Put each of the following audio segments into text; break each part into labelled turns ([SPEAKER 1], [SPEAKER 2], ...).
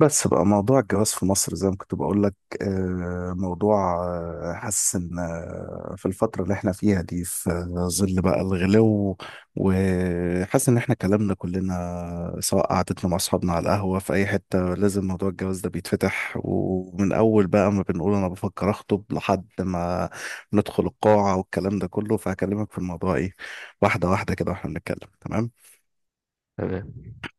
[SPEAKER 1] بس بقى موضوع الجواز في مصر زي ما كنت بقول لك. موضوع، حاسس ان في الفترة اللي احنا فيها دي في ظل بقى الغلو. وحاسس ان احنا كلامنا كلنا سواء قعدتنا مع اصحابنا على القهوة في اي حتة لازم موضوع الجواز ده بيتفتح، ومن اول بقى ما بنقول انا بفكر اخطب لحد ما ندخل القاعة والكلام ده كله. فهكلمك في الموضوع ايه، واحدة واحدة كده واحنا بنتكلم. تمام.
[SPEAKER 2] تمام.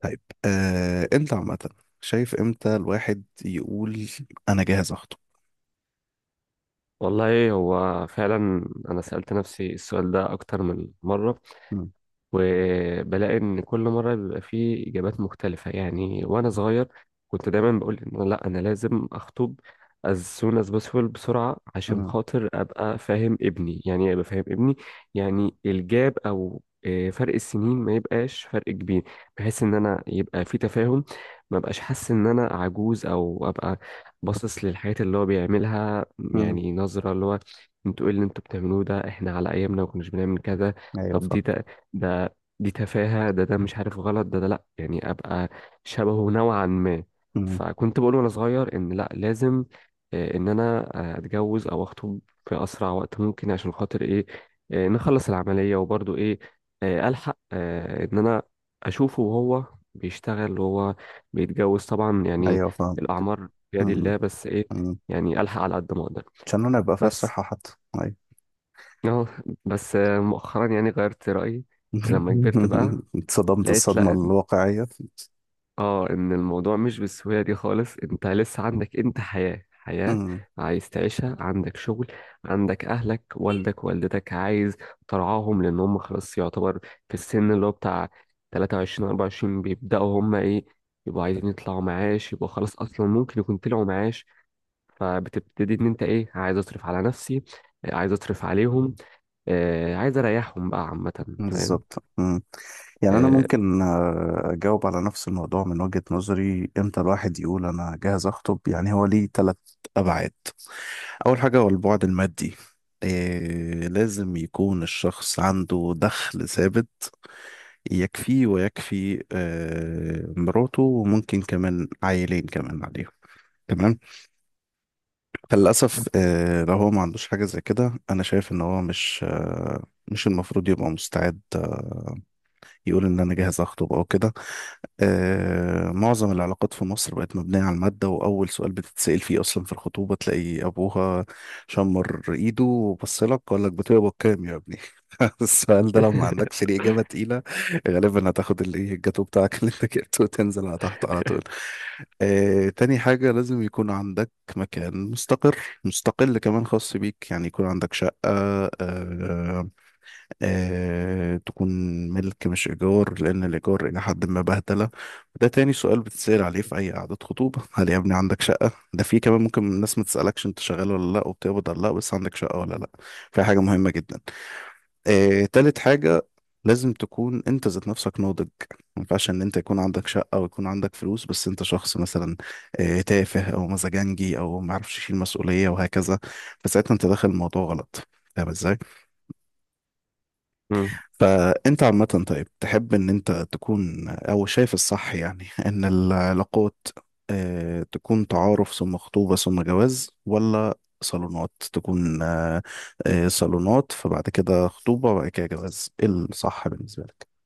[SPEAKER 1] طيب، امتى عامة شايف امتى الواحد يقول انا جاهز اخطب؟
[SPEAKER 2] والله هو فعلا أنا سألت نفسي السؤال ده أكتر من مرة،
[SPEAKER 1] مم،
[SPEAKER 2] وبلاقي ان كل مره بيبقى فيه اجابات مختلفه. يعني وانا صغير كنت دايما بقول ان لا، انا لازم اخطب as soon as possible، بسرعه، عشان
[SPEAKER 1] مم،
[SPEAKER 2] خاطر ابقى فاهم ابني. يعني إيه ابقى فاهم ابني؟ يعني الجاب او فرق السنين ما يبقاش فرق كبير، بحيث ان انا يبقى في تفاهم، ما بقاش حاسس ان انا عجوز، او ابقى باصص للحياة اللي هو بيعملها.
[SPEAKER 1] مم.
[SPEAKER 2] يعني نظرة اللي هو: انتوا ايه اللي انتوا بتعملوه ده؟ احنا على ايامنا ما كناش بنعمل كذا.
[SPEAKER 1] ايوه
[SPEAKER 2] طب دي
[SPEAKER 1] فاهم.
[SPEAKER 2] ده ده دي تفاهة ده ده مش عارف، غلط، ده ده لأ يعني أبقى شبهه نوعا ما.
[SPEAKER 1] مم،
[SPEAKER 2] فكنت بقول وأنا صغير إن لأ، لازم، إن أنا أتجوز أو أخطب في أسرع وقت ممكن، عشان خاطر إيه؟ نخلص العملية، وبرضه إيه؟ ألحق إن أنا أشوفه وهو بيشتغل وهو بيتجوز طبعا. يعني
[SPEAKER 1] ايوه فاهم.
[SPEAKER 2] الأعمار بيد
[SPEAKER 1] مم،
[SPEAKER 2] الله، بس إيه،
[SPEAKER 1] مم.
[SPEAKER 2] يعني ألحق على قد ما أقدر.
[SPEAKER 1] عشان انا يبقى فيها
[SPEAKER 2] بس
[SPEAKER 1] الصحة حتى. ايوه.
[SPEAKER 2] أه بس مؤخرا يعني غيرت رأيي، لما كبرت بقى
[SPEAKER 1] اتصدمت
[SPEAKER 2] لقيت
[SPEAKER 1] الصدمة
[SPEAKER 2] لا.
[SPEAKER 1] الواقعية.
[SPEAKER 2] اه ان الموضوع مش بالسهوله دي خالص. انت لسه عندك، انت حياه، حياه
[SPEAKER 1] مم،
[SPEAKER 2] عايز تعيشها، عندك شغل، عندك اهلك، والدك والدتك عايز ترعاهم، لان هم خلاص يعتبر في السن اللي هو بتاع 23 24، بيبداوا هم ايه؟ يبقوا عايزين يطلعوا معاش، يبقوا خلاص اصلا ممكن يكون طلعوا معاش. فبتبتدي ان انت ايه، عايز اصرف على نفسي، عايز اصرف عليهم، عايز اريحهم بقى عامه. فاهم؟
[SPEAKER 1] بالظبط. مم. يعني انا
[SPEAKER 2] آه،
[SPEAKER 1] ممكن اجاوب على نفس الموضوع من وجهة نظري. امتى الواحد يقول انا جاهز اخطب؟ يعني هو ليه ثلاث ابعاد. أول حاجة هو البعد المادي. إيه، لازم يكون الشخص عنده دخل ثابت يكفيه ويكفي مراته وممكن كمان عيلين كمان عليهم. تمام. فللأسف لو هو ما عندوش حاجة زي كده أنا شايف إن هو مش مش المفروض يبقى مستعد يقول إن أنا جاهز أخطب أو كده. معظم العلاقات في مصر بقت مبنية على المادة، وأول سؤال بتتسأل فيه أصلا في الخطوبة تلاقي أبوها شمر إيده وبصلك وقال لك بتقبض كام يا ابني. السؤال ده لو ما عندكش ليه إجابة تقيلة غالبا هتاخد الإيه الجاتو بتاعك اللي أنت جبته وتنزل على تحت على طول. تاني حاجة لازم يكون عندك مكان مستقر مستقل كمان خاص بيك. يعني يكون عندك شقة، تكون ملك مش إيجار لأن الإيجار إلى حد ما بهدلة. وده تاني سؤال بتسأل عليه في أي قعدة خطوبة. هل يا ابني عندك شقة؟ ده في كمان ممكن الناس ما تسألكش أنت شغال ولا لأ وبتقبض ولا لأ بس عندك شقة ولا لأ. فهي حاجة مهمة جدا. تالت حاجة لازم تكون أنت ذات نفسك ناضج. ما ينفعش إن أنت يكون عندك شقة ويكون عندك فلوس بس أنت شخص مثلا تافه أو مزاجنجي أو ما يعرفش يشيل مسؤولية وهكذا. فساعتها أنت داخل الموضوع غلط. فاهم إزاي؟ فانت عامة طيب، تحب ان انت تكون او شايف الصح يعني ان العلاقات تكون تعارف ثم خطوبة ثم جواز، ولا صالونات تكون صالونات فبعد كده خطوبة وبعد كده جواز؟ ايه الصح بالنسبة لك؟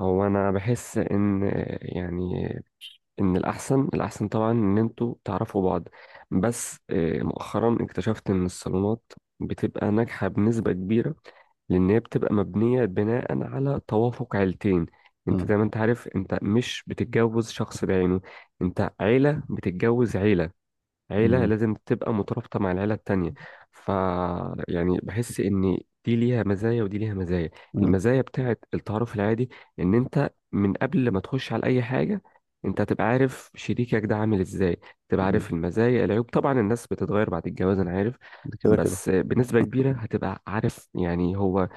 [SPEAKER 2] هو انا بحس ان، يعني، ان الاحسن، الاحسن طبعا ان انتوا تعرفوا بعض. بس مؤخرا اكتشفت ان الصالونات بتبقى ناجحة بنسبة كبيرة، لان هي بتبقى مبنية بناء على توافق عيلتين. انت
[SPEAKER 1] مم،
[SPEAKER 2] زي ما انت عارف، انت مش بتتجوز شخص بعينه، انت عيلة بتتجوز عيلة. عيلة
[SPEAKER 1] مم،
[SPEAKER 2] لازم تبقى مترابطة مع العيلة التانية. ف يعني بحس إن دي ليها مزايا ودي ليها مزايا.
[SPEAKER 1] مم،
[SPEAKER 2] المزايا بتاعت التعارف العادي إن أنت من قبل ما تخش على أي حاجة، أنت هتبقى عارف شريكك ده عامل إزاي، تبقى
[SPEAKER 1] مم.
[SPEAKER 2] عارف المزايا، العيوب. طبعا الناس بتتغير بعد الجواز، أنا عارف،
[SPEAKER 1] ده كده كده.
[SPEAKER 2] بس بنسبة كبيرة هتبقى عارف يعني هو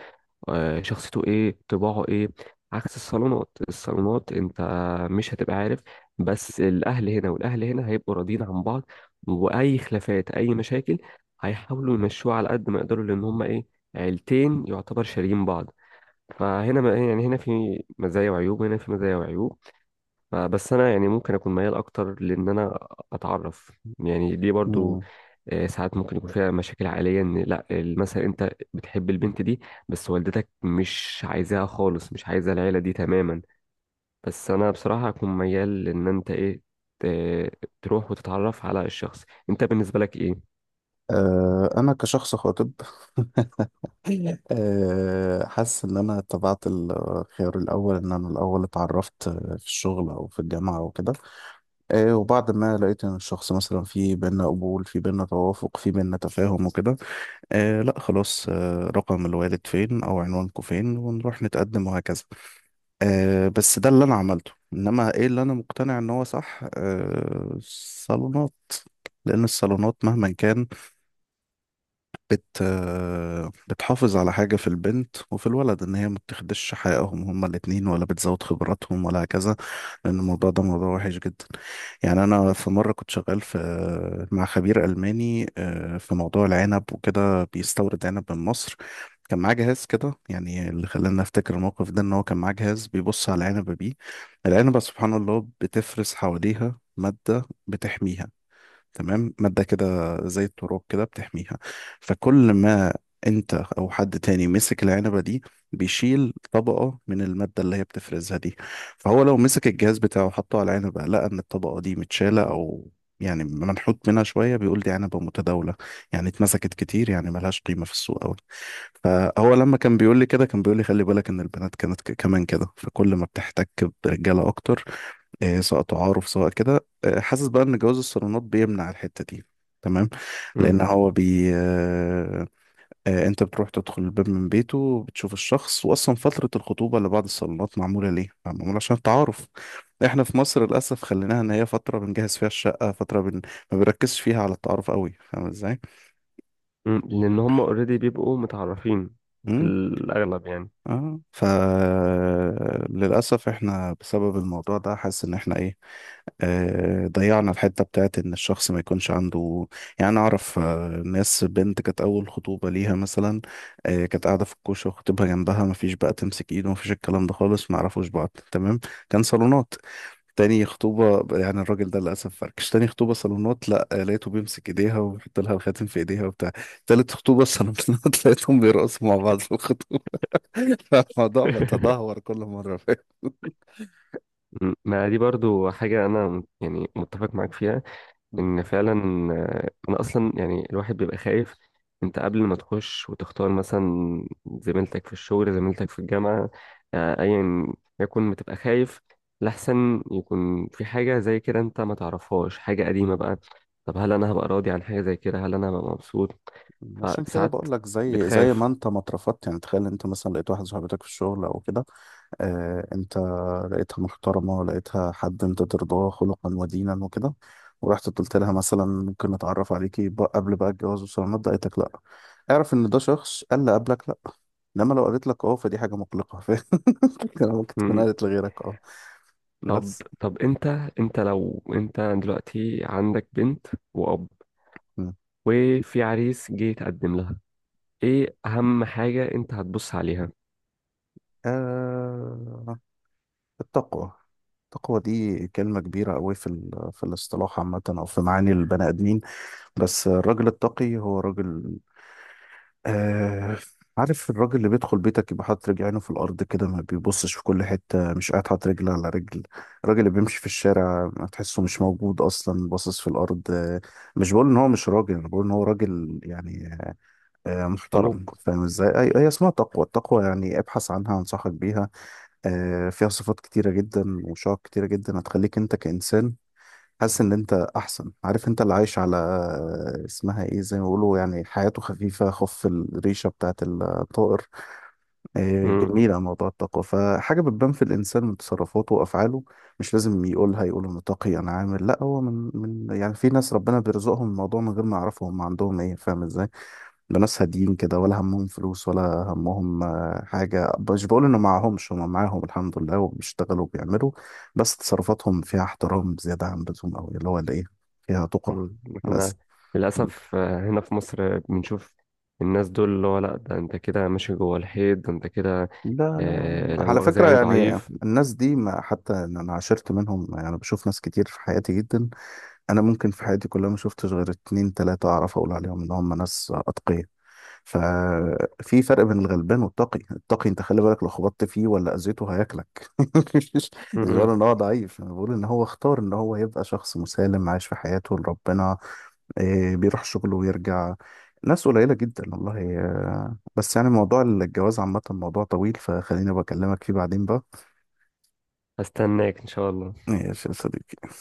[SPEAKER 2] شخصيته ايه، طباعه ايه. عكس الصالونات، الصالونات انت مش هتبقى عارف، بس الاهل هنا والاهل هنا هيبقوا راضيين عن بعض، واي خلافات، اي مشاكل، هيحاولوا يمشوها على قد ما يقدروا، لان هما ايه، عيلتين يعتبر شاريين بعض. فهنا يعني هنا في مزايا وعيوب، وهنا في مزايا وعيوب. بس انا يعني ممكن اكون ميال اكتر لان انا اتعرف. يعني دي برضو
[SPEAKER 1] مم.
[SPEAKER 2] ساعات ممكن يكون فيها مشاكل عائليه، ان لا مثلا انت بتحب البنت دي بس والدتك مش عايزاها خالص، مش عايزه العيله دي تماما. بس انا بصراحه اكون ميال لان انت ايه، تروح وتتعرف على الشخص. انت بالنسبه لك ايه؟
[SPEAKER 1] أنا كشخص خاطب. حاسس إن أنا اتبعت الخيار الأول. إن أنا الأول اتعرفت في الشغل أو في الجامعة أو كده، إيه، وبعد ما لقيت ان الشخص مثلا في بينا قبول في بينا توافق في بينا تفاهم وكده لا خلاص، رقم الوالد فين او عنوانكم فين ونروح نتقدم وهكذا. بس ده اللي انا عملته. انما ايه اللي انا مقتنع ان هو صح؟ الصالونات. لان الصالونات مهما كان بت آه بتحافظ على حاجة في البنت وفي الولد. ان هي ما بتاخدش حقهم هما الاتنين ولا بتزود خبراتهم ولا هكذا. لأن الموضوع ده موضوع وحش جدا. يعني أنا في مرة كنت شغال في مع خبير ألماني في موضوع العنب وكده، بيستورد عنب من مصر. كان معاه جهاز كده. يعني اللي خلاني أفتكر الموقف ده إن هو كان معاه جهاز بيبص على العنبة بيه. العنبة سبحان الله بتفرز حواليها مادة بتحميها. تمام. مادة كده زي التراب كده بتحميها. فكل ما انت او حد تاني مسك العنبة دي بيشيل طبقة من المادة اللي هي بتفرزها دي. فهو لو مسك الجهاز بتاعه وحطه على العنبة لقى ان الطبقة دي متشالة او يعني منحوت منها شوية بيقول دي عنبة متداولة. يعني اتمسكت كتير، يعني ملهاش قيمة في السوق أوي. فهو لما كان بيقول لي كده كان بيقول لي خلي بالك ان البنات كانت كمان كده. فكل ما بتحتك برجاله اكتر سواء تعارف سواء كده حاسس بقى ان جواز الصالونات بيمنع الحتة دي. تمام.
[SPEAKER 2] مم.
[SPEAKER 1] لان هو بي آه، آه، انت بتروح تدخل الباب من بيته بتشوف الشخص. واصلا فترة الخطوبة اللي بعد الصالونات معمولة ليه؟ معمولة عشان التعارف. احنا في مصر للاسف خليناها ان هي فترة بنجهز فيها الشقة، فترة ما بنركزش فيها على التعارف قوي. فاهم ازاي؟
[SPEAKER 2] مم. لان هم اوريدي بيبقوا متعرفين في
[SPEAKER 1] امم
[SPEAKER 2] الاغلب يعني.
[SPEAKER 1] اه فللاسف احنا بسبب الموضوع ده حاسس ان احنا ايه ضيعنا الحتة بتاعت إن الشخص ما يكونش عنده. يعني أنا أعرف ناس، بنت كانت أول خطوبة ليها مثلا كانت قاعدة في الكوشة وخطيبها جنبها ما فيش بقى تمسك إيده ما فيش الكلام ده خالص. ما يعرفوش بعض. تمام. كان صالونات. تاني خطوبة يعني الراجل ده للأسف فركش. تاني خطوبة صالونات، لا، لقيته بيمسك إيديها ويحط لها الخاتم في إيديها وبتاع. تالت خطوبة صالونات لقيتهم بيرقصوا مع بعض في الخطوبة. فالموضوع بيتدهور كل مرة.
[SPEAKER 2] مم. ما دي برضو حاجه انا يعني متفق معاك فيها، ان فعلا انا اصلا يعني الواحد بيبقى خايف، انت قبل ما تخش وتختار مثلا زميلتك في الشغل، زميلتك في الجامعة، ايا يكن، بتبقى خايف لحسن يكون في حاجة زي كده انت ما تعرفهاش، حاجة قديمة
[SPEAKER 1] فاهم.
[SPEAKER 2] بقى. طب هل انا هبقى راضي عن حاجة زي كده؟ هل انا هبقى مبسوط؟
[SPEAKER 1] عشان كده
[SPEAKER 2] فساعات
[SPEAKER 1] بقول لك زي
[SPEAKER 2] بتخاف.
[SPEAKER 1] ما انت ما اترفضت. يعني تخيل انت مثلا لقيت واحده صاحبتك في الشغل او كده، اه، انت لقيتها محترمه، لقيتها حد انت ترضاه خلقا ودينا وكده، ورحت قلت لها مثلا ممكن نتعرف عليكي بقى قبل بقى الجواز والصالونات، قالت لك لا، اعرف ان ده شخص قال لا قبلك. لا. انما لو قالت لك اه، فدي حاجه مقلقه. فاهم. ممكن تكون
[SPEAKER 2] مم.
[SPEAKER 1] قالت لغيرك اه.
[SPEAKER 2] طب
[SPEAKER 1] بس
[SPEAKER 2] طب انت انت لو انت دلوقتي عندك بنت واب وفي عريس جه يتقدم لها، ايه اهم حاجة انت هتبص عليها؟
[SPEAKER 1] آه التقوى. التقوى دي كلمة كبيرة أوي في في الاصطلاح عامة أو في معاني البني آدمين. بس الراجل التقي هو راجل آه عارف، الراجل اللي بيدخل بيتك يبقى حاطط رجلينه في الأرض كده ما بيبصش في كل حتة، مش قاعد حاطط رجل على رجل. الراجل اللي بيمشي في الشارع ما تحسه مش موجود أصلا باصص في الأرض مش بقول إن هو مش راجل، أنا بقول إن هو راجل يعني
[SPEAKER 2] خلوق.
[SPEAKER 1] محترم. فاهم إزاي؟ هي اسمها تقوى. التقوى يعني ابحث عنها، أنصحك بيها. فيها صفات كتيرة جدا وشعب كتيرة جدا هتخليك انت كإنسان حاسس ان انت احسن. عارف انت اللي عايش على اسمها ايه زي ما بيقولوا يعني حياته خفيفة خف الريشة بتاعت الطائر
[SPEAKER 2] مم.
[SPEAKER 1] جميلة. موضوع التقوى فحاجة بتبان في الانسان من تصرفاته وافعاله. مش لازم يقولها يقول انه تقي انا عامل، لا، هو من، يعني في ناس ربنا بيرزقهم الموضوع من غير ما يعرفوا هم عندهم ايه. فاهم ازاي؟ بناس هاديين كده ولا همهم فلوس ولا همهم حاجة. مش بقول إنه معهمش، هما معاهم الحمد لله وبيشتغلوا وبيعملوا، بس تصرفاتهم فيها احترام زيادة عن اللزوم أوي اللي هو الإيه، فيها تقى.
[SPEAKER 2] مم.
[SPEAKER 1] بس.
[SPEAKER 2] احنا
[SPEAKER 1] مم.
[SPEAKER 2] للأسف هنا في مصر بنشوف الناس دول اللي هو لا، ده انت كده ماشي جوه الحيط، ده انت كده
[SPEAKER 1] لا لا،
[SPEAKER 2] لا
[SPEAKER 1] على
[SPEAKER 2] مؤاخذة
[SPEAKER 1] فكرة
[SPEAKER 2] يعني
[SPEAKER 1] يعني
[SPEAKER 2] ضعيف.
[SPEAKER 1] الناس دي ما حتى إن أنا عاشرت منهم. يعني أنا بشوف ناس كتير في حياتي جدا. أنا ممكن في حياتي كلها ما شفتش غير اتنين تلاتة أعرف أقول عليهم إن هم ناس أتقياء. ففي فرق بين الغلبان والتقي. التقي انت خلي بالك لو خبطت فيه ولا اذيته هياكلك. مش بقول
[SPEAKER 2] مم.
[SPEAKER 1] ان هو ضعيف، انا بقول ان هو اختار ان هو يبقى شخص مسالم عايش في حياته لربنا. إيه، بيروح شغله ويرجع. ناس قليلة جدا والله. بس يعني موضوع الجواز عامة موضوع طويل، فخليني بكلمك فيه بعدين بقى.
[SPEAKER 2] هستناك ان شاء الله.
[SPEAKER 1] ماشي يا صديقي.